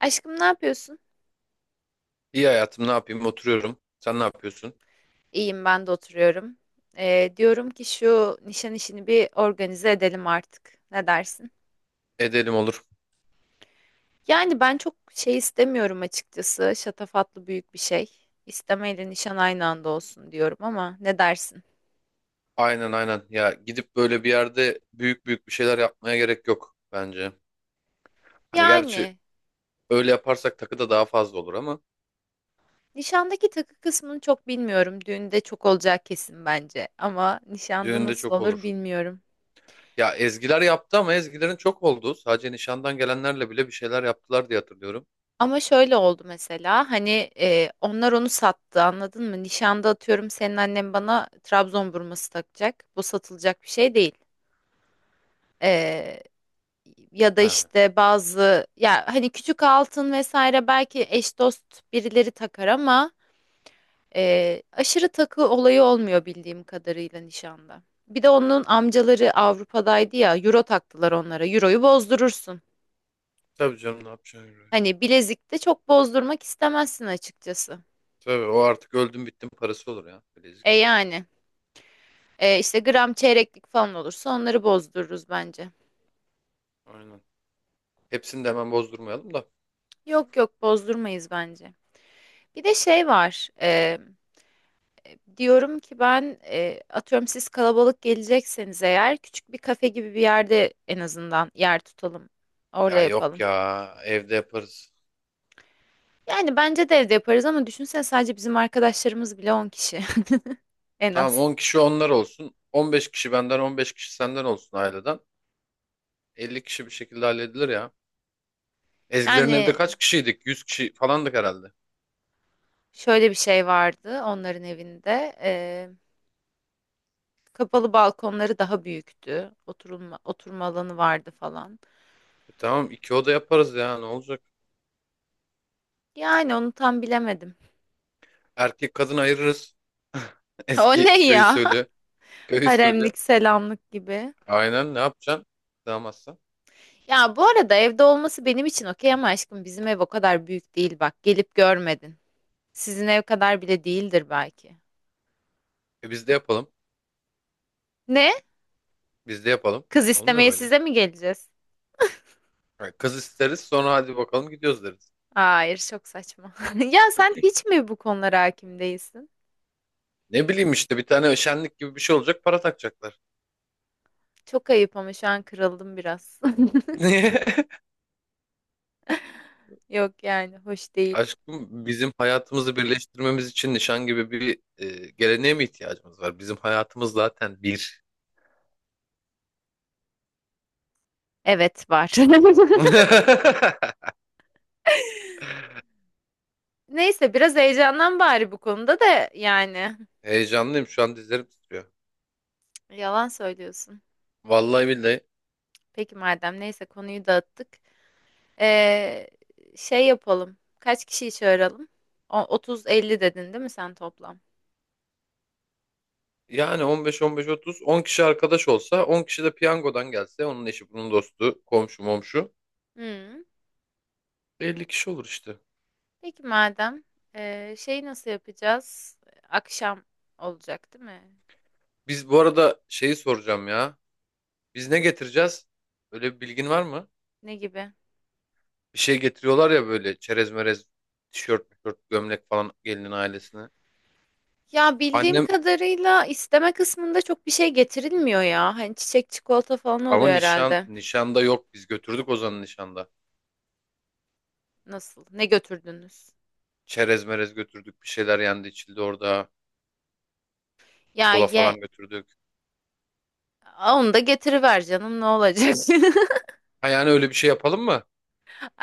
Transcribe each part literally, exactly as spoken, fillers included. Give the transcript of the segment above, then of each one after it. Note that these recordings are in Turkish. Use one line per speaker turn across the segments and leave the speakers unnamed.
Aşkım ne yapıyorsun?
İyi hayatım ne yapayım oturuyorum. Sen ne yapıyorsun?
İyiyim ben de oturuyorum. Ee, diyorum ki şu nişan işini bir organize edelim artık. Ne dersin?
Edelim olur.
Yani ben çok şey istemiyorum açıkçası. Şatafatlı büyük bir şey. İstemeyle nişan aynı anda olsun diyorum ama ne dersin?
Aynen aynen. Ya gidip böyle bir yerde büyük büyük bir şeyler yapmaya gerek yok bence. Hani gerçi
Yani
öyle yaparsak takı da daha fazla olur ama
nişandaki takı kısmını çok bilmiyorum. Düğünde çok olacak kesin bence. Ama nişanda
düğünde
nasıl
çok
olur
olur.
bilmiyorum.
Ya Ezgiler yaptı ama Ezgilerin çok oldu. Sadece nişandan gelenlerle bile bir şeyler yaptılar diye hatırlıyorum.
Ama şöyle oldu mesela hani e, onlar onu sattı anladın mı? Nişanda atıyorum senin annen bana Trabzon burması takacak. Bu satılacak bir şey değil. E, Ya da
He.
işte bazı ya hani küçük altın vesaire belki eş dost birileri takar ama e, aşırı takı olayı olmuyor bildiğim kadarıyla nişanda. Bir de onun amcaları Avrupa'daydı ya euro taktılar onlara. Euroyu bozdurursun.
Tabii canım, ne yapacaksın?
Hani bilezikte çok bozdurmak istemezsin açıkçası.
Tabii, o artık öldüm bittim parası olur ya,
E
bilezik.
yani. Ee, işte gram çeyreklik falan olursa onları bozdururuz bence.
Aynen. Hepsini de hemen bozdurmayalım da.
Yok yok bozdurmayız bence. Bir de şey var. E, diyorum ki ben, e, atıyorum siz kalabalık gelecekseniz eğer, küçük bir kafe gibi bir yerde en azından yer tutalım. Orada
Ya yok,
yapalım.
ya evde yaparız.
Yani bence de evde yaparız ama düşünsene sadece bizim arkadaşlarımız bile on kişi, en
Tamam,
az.
on kişi onlar olsun. on beş kişi benden, on beş kişi senden olsun aileden. elli kişi bir şekilde halledilir ya. Ezgilerin evde
Yani
kaç kişiydik? yüz kişi falandık herhalde.
şöyle bir şey vardı onların evinde. E, kapalı balkonları daha büyüktü. Oturulma, oturma alanı vardı falan.
E tamam, iki oda yaparız ya, ne olacak?
Yani onu tam bilemedim.
Erkek kadın ayırırız.
O
Eski
ne
köy
ya?
usulü. Köy usulü.
Haremlik, selamlık gibi.
Aynen, ne yapacaksın? Sığamazsan.
Ya bu arada evde olması benim için okey ama aşkım bizim ev o kadar büyük değil bak. Gelip görmedin. Sizin ev kadar bile değildir belki.
E biz de yapalım.
Ne?
Biz de yapalım.
Kız
Olmuyor mu
istemeye
öyle?
size mi geleceğiz?
Ha, kız isteriz sonra, hadi bakalım gidiyoruz deriz.
Hayır, çok saçma. Ya sen hiç mi bu konulara hakim değilsin?
Ne bileyim işte, bir tane şenlik gibi bir şey olacak, para takacaklar.
Çok ayıp ama şu an kırıldım biraz. Yok yani hoş değil.
Aşkım, bizim hayatımızı birleştirmemiz için nişan gibi bir e, geleneğe mi ihtiyacımız var? Bizim hayatımız zaten bir.
Evet var. Neyse biraz heyecandan bari bu konuda da yani.
Heyecanlıyım, şu an dizlerim titriyor.
Yalan söylüyorsun.
Vallahi billahi.
Peki madem neyse konuyu dağıttık. Ee, Şey yapalım. Kaç kişiyi çağıralım? O- otuz elli dedin değil mi sen toplam?
Yani on beş on beş-otuz, on kişi arkadaş olsa, on kişi de piyangodan gelse, onun eşi bunun dostu komşu momşu,
Hmm.
elli kişi olur işte.
Peki madem, ee, şey nasıl yapacağız? Akşam olacak değil mi?
Biz bu arada şeyi soracağım ya. Biz ne getireceğiz? Öyle bir bilgin var mı?
Ne gibi?
Bir şey getiriyorlar ya, böyle çerez merez, tişört, tişört gömlek falan, gelinin ailesine.
Ya bildiğim kadarıyla isteme kısmında çok bir şey getirilmiyor ya. Hani çiçek çikolata falan
Ama
oluyor
nişan
herhalde.
nişanda yok. Biz götürdük Ozan'ı nişanda.
Nasıl? Ne götürdünüz?
Çerez merez götürdük. Bir şeyler yendi içildi orada.
Ya
Kola
ye
falan götürdük.
Aa, onu da getiriver canım ne olacak?
Ha, yani öyle bir şey yapalım mı?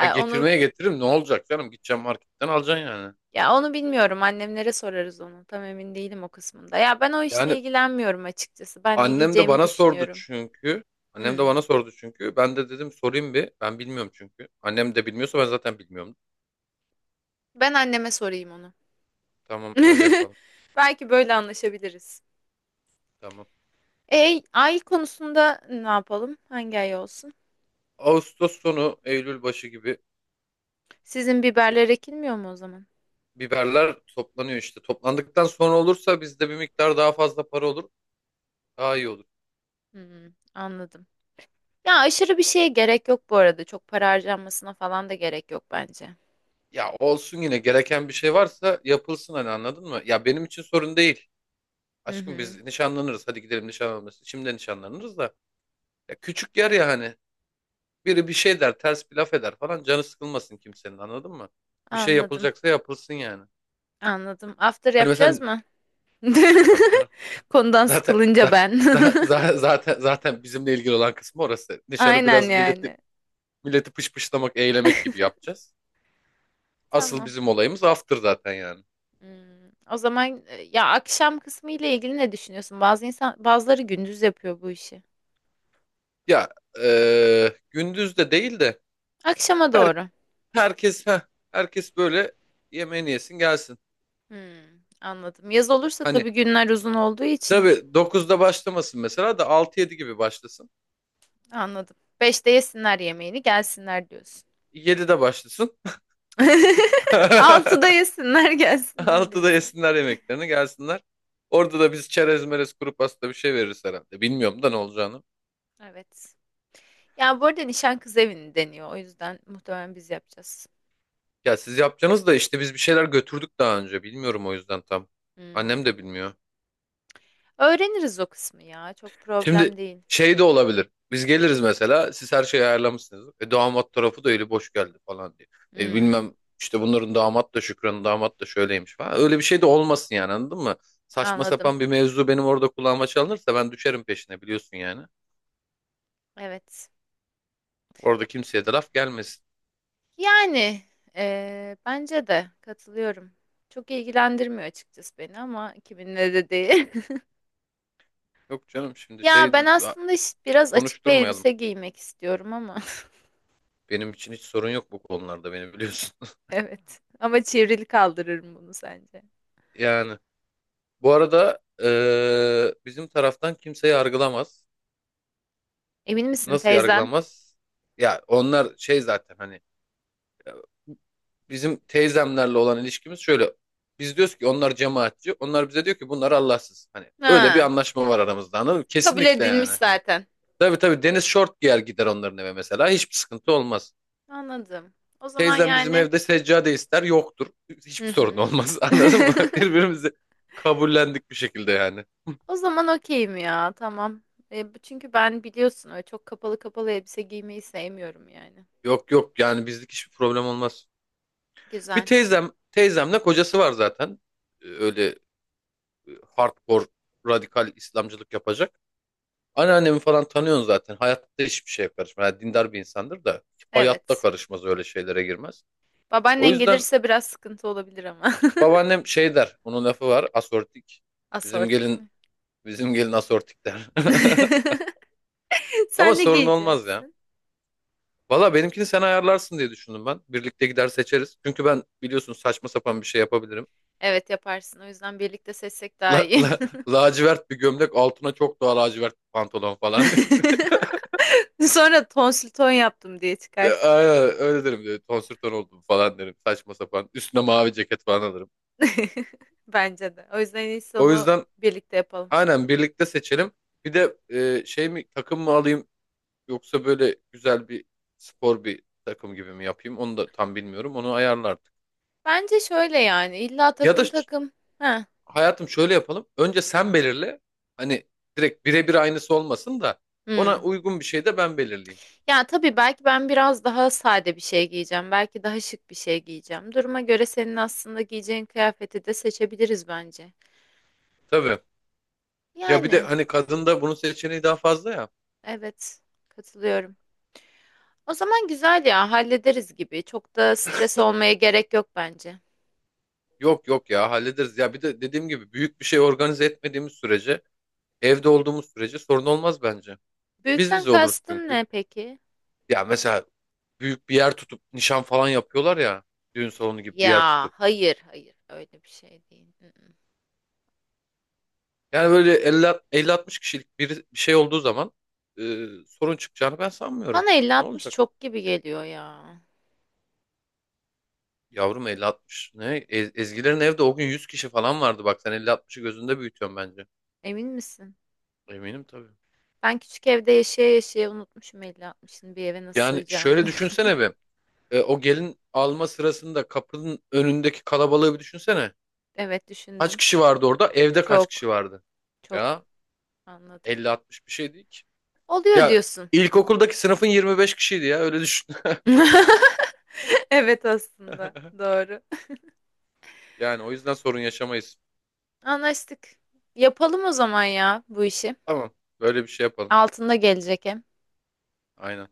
Ha,
Onu
getirmeye getiririm, ne olacak canım? Gideceğim, marketten alacaksın yani.
ya onu bilmiyorum. Annemlere sorarız onu. Tam emin değilim o kısmında. Ya ben o işle
Yani
ilgilenmiyorum açıkçası. Ben ne
annem de
giyeceğimi
bana sordu
düşünüyorum.
çünkü. Annem de
Hmm.
bana sordu çünkü. Ben de dedim sorayım bir. Ben bilmiyorum çünkü. Annem de bilmiyorsa, ben zaten bilmiyorum.
Ben anneme sorayım onu.
Tamam, öyle yapalım.
Belki böyle anlaşabiliriz.
Tamam.
E, ay konusunda ne yapalım? Hangi ay olsun?
Ağustos sonu, Eylül başı gibi
Sizin biberler ekilmiyor mu o zaman?
biberler toplanıyor işte. Toplandıktan sonra olursa bizde bir miktar daha fazla para olur. Daha iyi olur.
Hmm, anladım. Ya aşırı bir şeye gerek yok bu arada. Çok para harcanmasına falan da gerek yok bence.
Ya olsun, yine gereken bir şey varsa yapılsın, hani anladın mı? Ya benim için sorun değil.
Hı
Aşkım,
hı.
biz nişanlanırız. Hadi gidelim nişanlanırız. Şimdi nişanlanırız da. Ya küçük yer ya hani. Biri bir şey der, ters bir laf eder falan. Canı sıkılmasın kimsenin, anladın mı? Bir şey
Anladım.
yapılacaksa yapılsın yani.
Anladım. After
Hani mesela,
yapacağız mı?
tabii canım.
Konudan
Zaten
sıkılınca
za-
ben.
za- za- zaten zaten bizimle ilgili olan kısmı orası. Nişanı
Aynen
biraz milleti
yani.
milleti pışpışlamak, eğlemek gibi yapacağız. Asıl
Tamam.
bizim olayımız after zaten yani.
Hmm, o zaman, e, ya akşam kısmı ile ilgili ne düşünüyorsun? Bazı insan bazıları gündüz yapıyor bu işi.
Ya eee, gündüz de değil de,
Akşama
her,
doğru.
herkes heh, herkes böyle yemeğini yesin gelsin.
Hmm, anladım. Yaz olursa
Hani
tabii günler uzun olduğu için
tabii dokuzda başlamasın mesela da, altı yedi gibi başlasın.
anladım. Beşte yesinler yemeğini gelsinler diyorsun.
yedide başlasın.
Altıda yesinler gelsinler
altıda
diyorsun.
yesinler yemeklerini gelsinler. Orada da biz çerez merez kuru pasta bir şey veririz herhalde. Bilmiyorum da ne olacağını.
Evet. Ya bu arada nişan kız evini deniyor. O yüzden muhtemelen biz yapacağız.
Ya siz yapacaksınız da işte biz bir şeyler götürdük daha önce. Bilmiyorum o yüzden tam. Annem
Hmm.
de bilmiyor.
Öğreniriz o kısmı ya. Çok problem
Şimdi
değil.
şey de olabilir. Biz geliriz mesela. Siz her şeyi ayarlamışsınız. E, damat tarafı da eli boş geldi falan diye. E,
Hmm,
bilmem işte, bunların damat da Şükran'ın damat da şöyleymiş falan. Öyle bir şey de olmasın yani, anladın mı? Saçma
anladım.
sapan bir mevzu benim orada kulağıma çalınırsa ben düşerim peşine, biliyorsun yani.
Evet.
Orada kimseye de laf gelmesin.
Yani, eee, bence de katılıyorum. Çok ilgilendirmiyor açıkçası beni ama kiminle de değil.
Yok canım, şimdi
Ya
şey
ben
de- a-
aslında işte biraz açık bir
konuşturmayalım.
elbise giymek istiyorum ama.
Benim için hiç sorun yok bu konularda, beni biliyorsun.
Evet. Ama çevrili kaldırırım bunu sence.
Yani bu arada e, bizim taraftan kimse yargılamaz.
Emin misin
Nasıl
teyzen?
yargılamaz? Ya, onlar şey zaten, hani ya, bizim teyzemlerle olan ilişkimiz şöyle. Biz diyoruz ki onlar cemaatçi. Onlar bize diyor ki bunlar Allahsız. Hani öyle bir
Ha,
anlaşma var aramızda, anladın mı?
kabul
Kesinlikle
edilmiş
yani hani.
zaten.
Tabii tabii, deniz şort giyer gider onların eve mesela. Hiçbir sıkıntı olmaz.
Anladım. O zaman
Teyzem bizim
yani.
evde seccade ister, yoktur.
Hı
Hiçbir sorun
hı.
olmaz. Anladın mı? Birbirimizi kabullendik bir şekilde yani.
O zaman okeyim ya, tamam. E, bu- çünkü ben biliyorsun öyle çok kapalı kapalı elbise giymeyi sevmiyorum yani.
Yok yok, yani bizlik hiçbir problem olmaz. Bir
Güzel.
teyzem, teyzemle kocası var zaten. Ee, Öyle hardcore radikal İslamcılık yapacak. Anneannemi falan tanıyorsun zaten. Hayatta hiçbir şeye karışmaz. Yani dindar bir insandır da hayatta
Evet.
karışmaz, öyle şeylere girmez. O
Babaannen
yüzden
gelirse biraz sıkıntı olabilir ama.
babaannem şey der. Onun lafı var: asortik. Bizim
Asortik mi?
gelin bizim gelin asortik der. Ama
Sen ne
sorun olmaz ya.
giyeceksin?
Valla, benimkini sen ayarlarsın diye düşündüm ben. Birlikte gider seçeriz. Çünkü ben, biliyorsun, saçma sapan bir şey yapabilirim.
Evet yaparsın. O yüzden birlikte seçsek daha
La,
iyi.
la, lacivert bir gömlek, altına çok daha lacivert bir pantolon falan.
Sonra tonsil ton yaptım diye
Ya,
çıkarsın.
aynen öyle derim diyor. Tonsür ton oldum falan derim. Saçma sapan. Üstüne mavi ceket falan alırım.
Bence de. O yüzden en iyisi
O
onu
yüzden
birlikte yapalım.
aynen birlikte seçelim. Bir de e, şey mi, takım mı alayım, yoksa böyle güzel bir spor bir takım gibi mi yapayım? Onu da tam bilmiyorum. Onu ayarla artık.
Bence şöyle yani illa
Ya da
takım
ş-
takım. Ha.
hayatım şöyle yapalım. Önce sen belirle. Hani direkt birebir aynısı olmasın da, ona
Hmm.
uygun bir şey de ben belirleyeyim.
Ya tabii belki ben biraz daha sade bir şey giyeceğim. Belki daha şık bir şey giyeceğim. Duruma göre senin aslında giyeceğin kıyafeti de seçebiliriz bence.
Tabii. Ya bir de
Yani.
hani, kadında bunun seçeneği daha fazla ya.
Evet, katılıyorum. O zaman güzel ya, hallederiz gibi. Çok da stres olmaya gerek yok bence.
Yok yok ya, hallederiz. Ya bir de dediğim gibi, büyük bir şey organize etmediğimiz sürece, evde olduğumuz sürece sorun olmaz bence. Biz
Büyükten
bize oluruz
kastın
çünkü.
ne peki?
Ya mesela büyük bir yer tutup nişan falan yapıyorlar ya. Düğün salonu gibi bir yer
Ya
tutup.
hayır hayır öyle bir şey değil. Mm. Mm.
Yani böyle elli, elli altmış kişilik bir, bir şey olduğu zaman e, sorun çıkacağını ben sanmıyorum.
Bana
Ne
elli altmış
olacak?
çok gibi geliyor ya.
Yavrum elli altmış ne? Ez- Ezgilerin evde o gün yüz kişi falan vardı. Bak sen elli altmışı gözünde büyütüyorsun bence.
Emin misin?
Eminim tabii.
Ben küçük evde yaşaya yaşaya unutmuşum elli altmışın bir eve nasıl
Yani
sığacağını.
şöyle düşünsene be. E, o gelin alma sırasında kapının önündeki kalabalığı bir düşünsene.
Evet
Kaç
düşündüm.
kişi vardı orada? Evde kaç kişi
Çok
vardı?
çok
Ya
anladım.
elli altmış bir şey değil ki.
Oluyor
Ya
diyorsun.
ilkokuldaki sınıfın yirmi beş kişiydi ya, öyle düşün.
Evet aslında doğru.
Yani o yüzden sorun yaşamayız.
Anlaştık. Yapalım o zaman ya bu işi.
Tamam, böyle bir şey yapalım.
Altında gelecek hem.
Aynen.